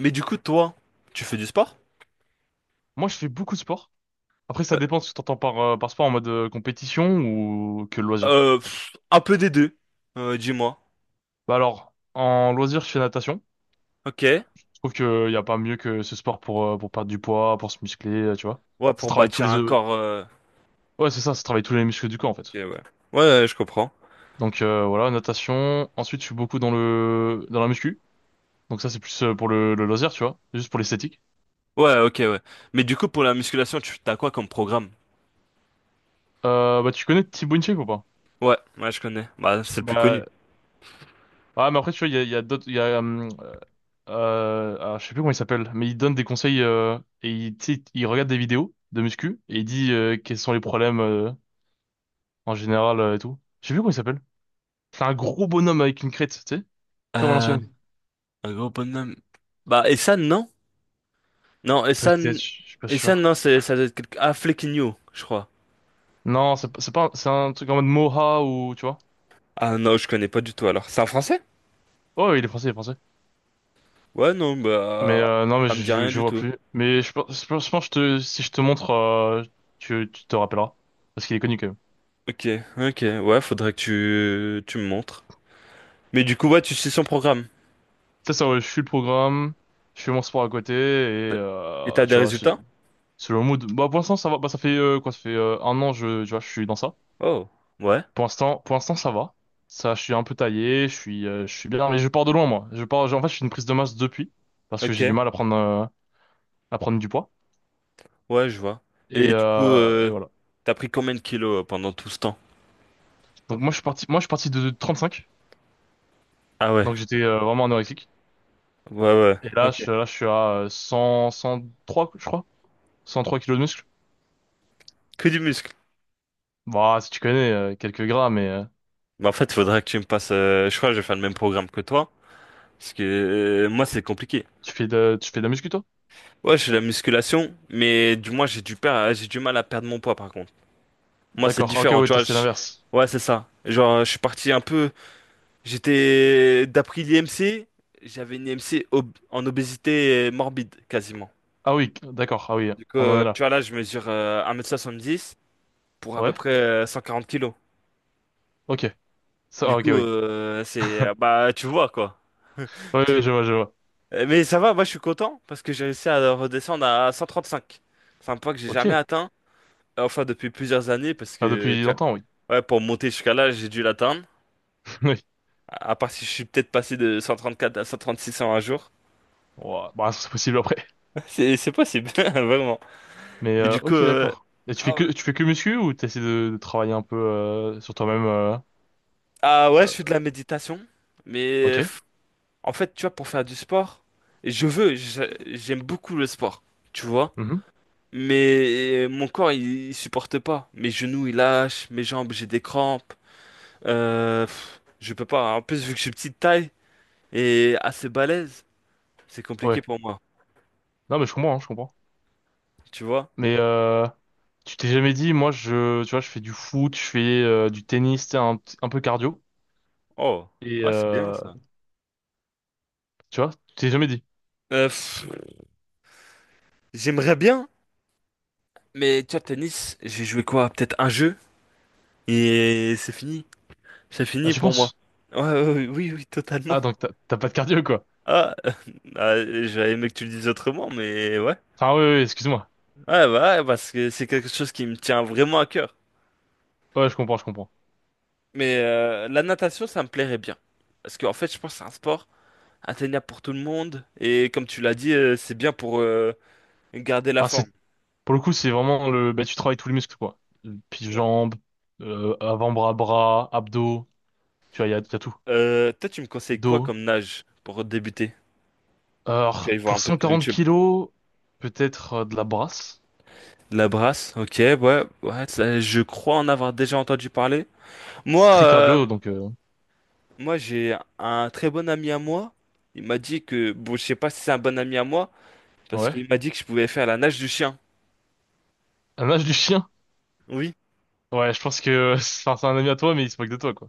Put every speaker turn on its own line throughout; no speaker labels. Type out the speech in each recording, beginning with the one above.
Mais du coup, toi, tu fais du sport?
Moi, je fais beaucoup de sport. Après, ça
Euh,
dépend de ce que t'entends par sport en mode compétition ou que loisir.
un peu des deux, dis-moi.
Bah alors, en loisir, je fais natation.
Ok.
Je trouve qu'il y a pas mieux que ce sport pour perdre du poids, pour se muscler, tu vois.
Ouais,
Ça
pour
travaille tous
bâtir
les...
un corps.
Ouais, c'est ça, ça travaille tous les muscles du corps, en fait.
Ok, ouais. Ouais, ouais, je comprends.
Donc, voilà, natation. Ensuite, je suis beaucoup dans le dans la muscu. Donc ça, c'est plus, pour le loisir, tu vois. Juste pour l'esthétique.
Ouais, ok, ouais. Mais du coup, pour la musculation, tu t'as quoi comme programme?
Bah, tu connais Thibaut Inchek ou pas?
Ouais, ouais, je connais. Bah, c'est le plus connu.
Bah, ouais, mais après, tu vois, il y a alors, je sais plus comment il s'appelle, mais il donne des conseils, et il, tu sais, il regarde des vidéos de muscu et il dit, quels sont les problèmes, en général, et tout. Je sais plus comment il s'appelle. C'est un gros bonhomme avec une crête, tu sais, comme à
Euh,
l'ancienne.
un gros bonhomme. Bah, Essan, non? Non,
Peut-être,
Essan.
je suis pas
Essan,
sûr.
non, c'est, ça doit être quelque... Ah, Flequigno, je crois.
Non, c'est pas, c'est pas- c'est un truc en mode Moha ou tu vois.
Ah non, je connais pas du tout alors. C'est un français?
Oh, il est français, il est français.
Ouais, non,
Mais,
bah.
non, mais
Ça me
je,
dit
je,
rien
je
du
vois
tout.
plus. Mais je pense que si je te montre, tu te rappelleras parce qu'il est connu quand même.
Ok, ok, ouais, faudrait que tu me montres. Mais du coup, ouais, tu sais son programme.
Ça, ouais, je suis le programme, je fais mon sport à côté et,
Et t'as des
tu vois, c'est.
résultats?
C'est le mood. Bah, pour l'instant, ça va. Bah, ça fait, quoi? Ça fait, un an, tu vois, je suis dans ça.
Oh, ouais,
Pour l'instant, ça va. Ça, je suis un peu taillé, je suis bien, mais je pars de loin, moi. Je pars, en fait, je suis une prise de masse depuis, parce que
ok,
j'ai du mal à prendre du poids.
ouais, je vois.
Et,
Et du coup,
euh, et voilà.
t'as pris combien de kilos pendant tout ce temps?
Donc, moi, je suis parti de 35.
Ah ouais,
Donc, j'étais, vraiment anorexique.
ouais, ouais,
Et là,
ok.
je suis à, 100, 103, je crois. 103 kilos de muscle.
Que du muscle.
Bah, si tu connais, quelques gras, mais,
Mais en fait, il faudrait que tu me passes. Je crois que je vais faire le même programme que toi. Parce que moi, c'est compliqué.
tu fais de la muscu, toi?
Ouais, je fais la musculation, mais du moins, j'ai du mal à perdre mon poids par contre. Moi, c'est
D'accord. Ok,
différent,
ouais,
tu
toi,
vois.
c'est l'inverse.
Ouais, c'est ça. Genre, je suis parti un peu. J'étais, d'après l'IMC, j'avais une IMC ob- en obésité morbide quasiment.
Ah oui, d'accord. Ah oui,
Du coup,
on en est
tu
là.
vois, là, je mesure 1,70 m pour à peu
Ouais,
près 140 kilos.
ok. Ça,
Du
ah, ok,
coup,
oui.
c'est, bah, tu vois quoi.
Ouais,
Tu-
ouais, je vois, je vois.
Mais ça va, moi je suis content parce que j'ai réussi à redescendre à 135. C'est un poids que j'ai jamais
Ok.
atteint, enfin depuis plusieurs années parce
Enfin,
que,
depuis
tu
longtemps, oui.
vois, ouais, pour monter jusqu'à là, j'ai dû l'atteindre.
Oui.
À part si je suis peut-être passé de 134 à 136 en un jour.
Ouah, bah, c'est possible après.
C'est possible, vraiment.
Mais,
Mais du coup,
ok, d'accord. Et tu fais
ah
que muscu ou t'essaies de travailler un peu, sur toi-même,
ah ouais, je
euh,
fais de la méditation. Mais
ok.
en fait, tu vois, pour faire du sport, je veux, je- j'aime beaucoup le sport, tu vois.
Mhm.
Mais mon corps, il supporte pas. Mes genoux, ils lâchent. Mes jambes, j'ai des crampes. Je peux pas. En plus, vu que je suis petite taille et assez balèze, c'est compliqué
Ouais.
pour moi,
Non, mais je comprends, hein, je comprends.
tu vois.
Mais, tu t'es jamais dit, moi, tu vois, je fais du foot, je fais, du tennis, tu sais, un peu cardio.
Oh,
Et,
ouais, c'est bien ça.
tu vois, tu t'es jamais dit.
Euh, pff, J'aimerais bien, mais tu vois, tennis, j'ai joué quoi? Peut-être un jeu et c'est fini. C'est
Ah,
fini
tu
pour
penses?
moi. Ouais, ouais, ouais, oui, oui, totalement.
Ah, donc t'as pas de cardio, quoi.
Ah, ah, j'aurais aimé que tu le dises autrement, mais ouais.
Enfin, oui, oui, excuse-moi.
Ouais, bah, ouais, parce que c'est quelque chose qui me tient vraiment à cœur.
Ouais, je comprends, je comprends.
Mais la natation, ça me plairait bien. Parce qu'en fait, je pense que c'est un sport atteignable pour tout le monde. Et comme tu l'as dit, c'est bien pour garder la
Ah, c'est
forme.
pour le coup, c'est vraiment bah, tu travailles tous les muscles, quoi. Puis
Euh,
jambes, avant-bras, bras, abdos, tu vois, il y a tout.
Toi, tu me conseilles quoi
Dos.
comme nage pour débuter? Je vais
Alors,
aller voir un
pour
peu sur
140
YouTube.
kilos, peut-être, de la brasse.
La brasse, ok, ouais, ouais, ça, je crois en avoir déjà entendu parler. Moi,
C'est très
euh,
cardio, donc,
Moi, j'ai un très bon ami à moi. Il m'a dit que, bon, je sais pas si c'est un bon ami à moi, parce
ouais.
qu'il m'a dit que je pouvais faire la nage du chien.
Un nage du chien?
Oui.
Ouais, je pense que, enfin, c'est un ami à toi, mais il se moque de toi, quoi.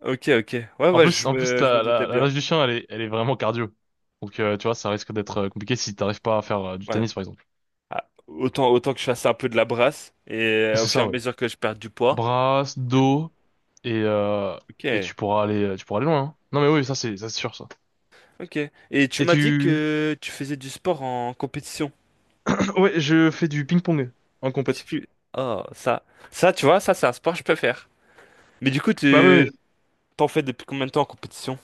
Ok, ok. Ouais,
En
ouais,
plus,
je
en plus,
me, je me
la,
doutais
la, la
bien.
nage du chien, elle est vraiment cardio. Donc, tu vois, ça risque d'être, compliqué si t'arrives pas à faire, du
Ouais.
tennis, par exemple.
Ah, autant, autant que je fasse un peu de la brasse, et au
C'est
fur et
ça,
à
ouais.
mesure que je perds du poids.
Brasse, dos. et, euh, et
Ok,
tu pourras aller loin, hein. Non mais oui, ça c'est sûr ça.
ok. Et tu
Et
m'as dit
tu,
que tu faisais du sport en compétition.
ouais, je fais du ping-pong en
Je sais
compète.
plus. Oh, ça. Ça, tu vois, ça, c'est un sport que je peux faire. Mais du coup,
Bah oui,
tu
oui.
t'en fais depuis combien de temps en compétition?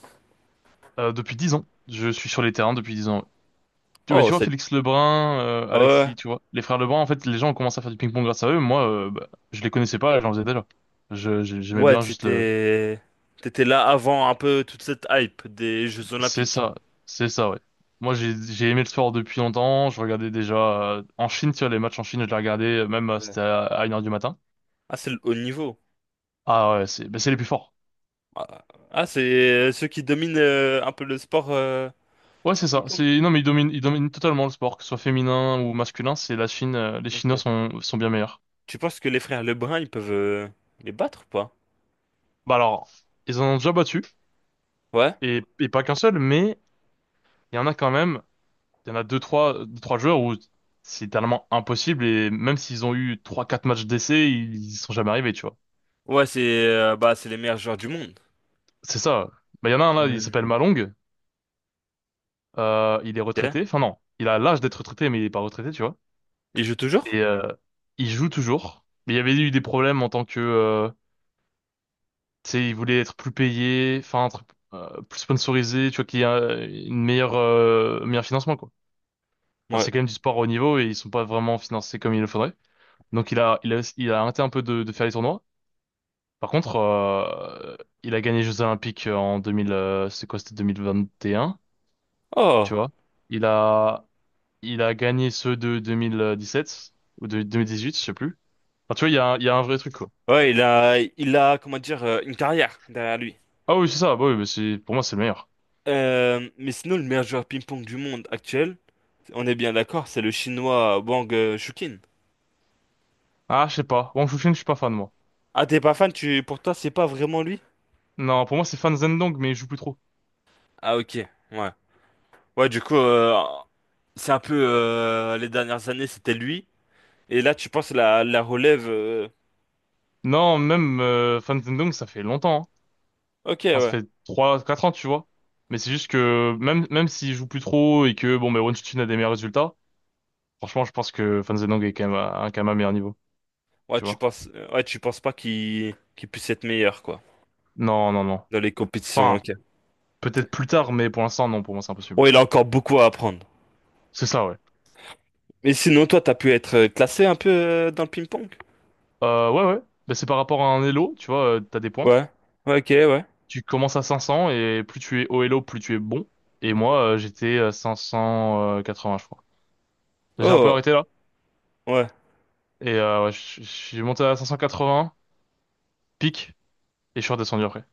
Depuis 10 ans, je suis sur les terrains depuis 10 ans. Tu bah, tu
Oh,
vois,
c'est...
Félix Lebrun,
Ouais.
Alexis, tu vois, les frères Lebrun, en fait, les gens ont commencé à faire du ping-pong grâce à eux. Moi, bah, je les connaissais pas, j'en faisais déjà. J'aimais
Ouais,
bien juste le.
t'étais là avant un peu toute cette hype des Jeux
C'est
Olympiques.
ça, c'est ça, ouais. Moi, j'ai aimé le sport depuis longtemps. Je regardais déjà, en Chine, tu vois, les matchs en Chine, je les regardais, même,
Ouais.
c'était à 1h du matin.
Ah, c'est le haut niveau.
Ah ouais, bah, c'est les plus forts.
Ah, ah, c'est ceux qui dominent un peu le sport
Ouais, c'est ça.
ping-pong.
C'est non, mais ils dominent totalement le sport, que ce soit féminin ou masculin. C'est la Chine. Les
Ok.
Chinois sont bien meilleurs.
Tu penses que les frères Lebrun, ils peuvent les battre ou pas?
Bah alors, ils en ont déjà battu
Ouais.
et pas qu'un seul, mais il y en a quand même. Il y en a deux, trois joueurs où c'est tellement impossible et même s'ils ont eu trois quatre matchs d'essai, ils sont jamais arrivés, tu vois.
Ouais, c'est bah c'est les meilleurs joueurs du monde.
C'est ça. Bah il y en a un là, il
Euh,
s'appelle Malong. Il est
ok.
retraité. Enfin non, il a l'âge d'être retraité, mais il est pas retraité, tu vois.
Il joue toujours?
Et, il joue toujours. Mais il y avait eu des problèmes en tant que, tu sais, ils voulaient être plus payés, enfin, être, plus sponsorisé, tu vois, qu'il y a une meilleure, meilleur financement, quoi. Parce que
Ouais.
c'est quand même du sport au niveau et ils sont pas vraiment financés comme il le faudrait. Donc il a arrêté un peu de faire les tournois. Par contre, il a gagné les Jeux Olympiques en 2000, c'est quoi, c'était 2021, tu
Oh.
vois. Il a, il a gagné ceux de 2017 ou de 2018, je sais plus. Enfin, tu vois, il y a un vrai truc, quoi.
Ouais, il a comment dire une carrière derrière lui.
Ah oui, c'est ça, bah oui, mais c'est, pour moi, c'est le meilleur.
Mais sinon, le meilleur joueur ping-pong du monde actuel, on est bien d'accord, c'est le chinois Wang Shuqin.
Ah, je sais pas. Wang Chun, je suis pas fan, moi.
Ah, t'es pas fan, tu... pour toi, c'est pas vraiment lui?
Non, pour moi, c'est Fan Zhendong, mais il joue plus trop.
Ah, ok, ouais. Ouais, du coup, c'est un peu les dernières années, c'était lui. Et là, tu penses la relève.
Non, même, Fan Zhendong, ça fait longtemps, hein.
Ok,
Enfin, ça
ouais.
fait trois quatre ans, tu vois. Mais c'est juste que même s'il joue plus trop et que bon, mais Wonchuchin a des meilleurs résultats, franchement, je pense que Fan Zhendong est quand même à un meilleur niveau, tu vois.
Ouais, tu penses pas qu'il puisse être meilleur, quoi,
Non, non, non.
dans les compétitions,
Enfin,
ok.
peut-être plus tard, mais pour l'instant, non, pour moi, c'est
Ouais,
impossible.
il a encore beaucoup à apprendre.
C'est ça, ouais.
Mais sinon, toi, t'as pu être classé un peu dans le ping-pong?
Ouais, ouais. Bah, c'est par rapport à un Elo, tu vois, t'as des points.
Ouais. Ouais, ok, ouais.
Tu commences à 500 et plus tu es au Elo, plus tu es bon. Et
Ok.
moi, j'étais à 580, je crois. J'ai un peu
Oh,
arrêté là.
ouais.
Et, ouais, je suis monté à 580, pic, et je suis redescendu après.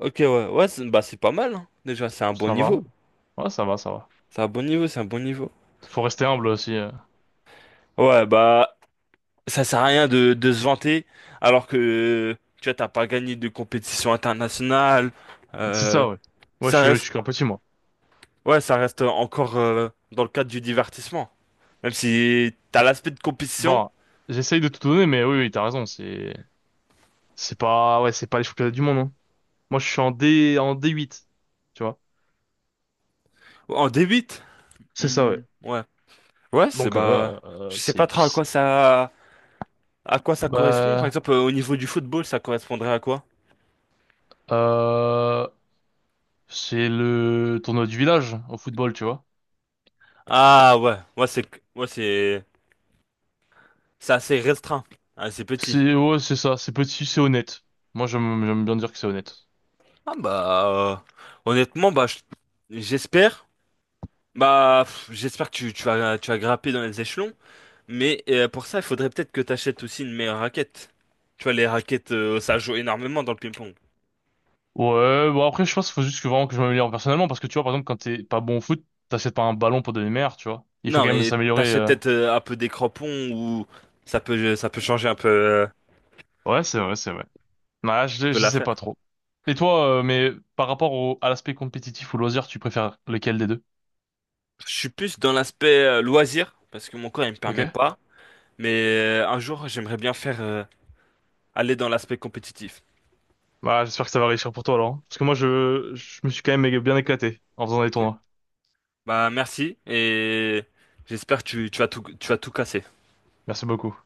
Ok, ouais, ouais, c'est bah, c'est pas mal, hein. Déjà, c'est un bon
Ça
niveau.
va? Ouais, ça va, ça va.
C'est un bon niveau, c'est un bon niveau.
Faut rester humble aussi.
Ouais, bah, ça sert à rien de se vanter, alors que, tu vois, t'as pas gagné de compétition internationale.
C'est
Euh,
ça, ouais. Moi, je
Ça
suis, je
reste,
suis qu'un petit, moi.
ouais, ça reste encore dans le cadre du divertissement. Même si t'as l'aspect de compétition,
Bon, j'essaye de tout donner, mais oui, oui, t'as raison. C'est pas, ouais, c'est pas les championnats du monde, hein. Moi, je suis en D, en D8, tu vois.
en débite.
C'est ça, ouais.
Hmm, ouais. Ouais, c'est
Donc,
bah, je sais pas trop à quoi ça correspond. Par
bah,
exemple, au niveau du football, ça correspondrait à quoi?
euh, c'est le tournoi du village au football, tu vois.
Ah ouais, ouais c'est c'est assez restreint, assez petit.
Ouais, c'est ça. C'est petit, c'est honnête. Moi, j'aime bien dire que c'est honnête.
Ah bah honnêtement j'espère j'espère que tu, tu vas grimper dans les échelons, mais pour ça il faudrait peut-être que tu achètes aussi une meilleure raquette. Tu vois les raquettes ça joue énormément dans le ping-pong.
Ouais, bon après je pense qu'il faut juste que vraiment que je m'améliore personnellement parce que tu vois par exemple quand t'es pas bon au foot, t'achètes pas un ballon pour devenir meilleur, tu vois. Il faut
Non
quand même
mais
s'améliorer.
t'achètes
euh.
peut-être un peu des crampons ou ça peut changer
Ouais, c'est vrai, c'est vrai. Bah,
un
je,
peu
je sais
l'affaire.
pas trop. Et toi, mais par rapport au, à l'aspect compétitif ou loisir, tu préfères lequel des deux?
Je suis plus dans l'aspect loisir parce que mon corps il me permet
Ok?
pas, mais un jour j'aimerais bien faire aller dans l'aspect compétitif.
Bah j'espère que ça va réussir pour toi alors, hein. Parce que moi je me suis quand même bien éclaté en faisant des
Ok.
tournois.
Bah merci et j'espère que tu, tu vas tout casser.
Merci beaucoup.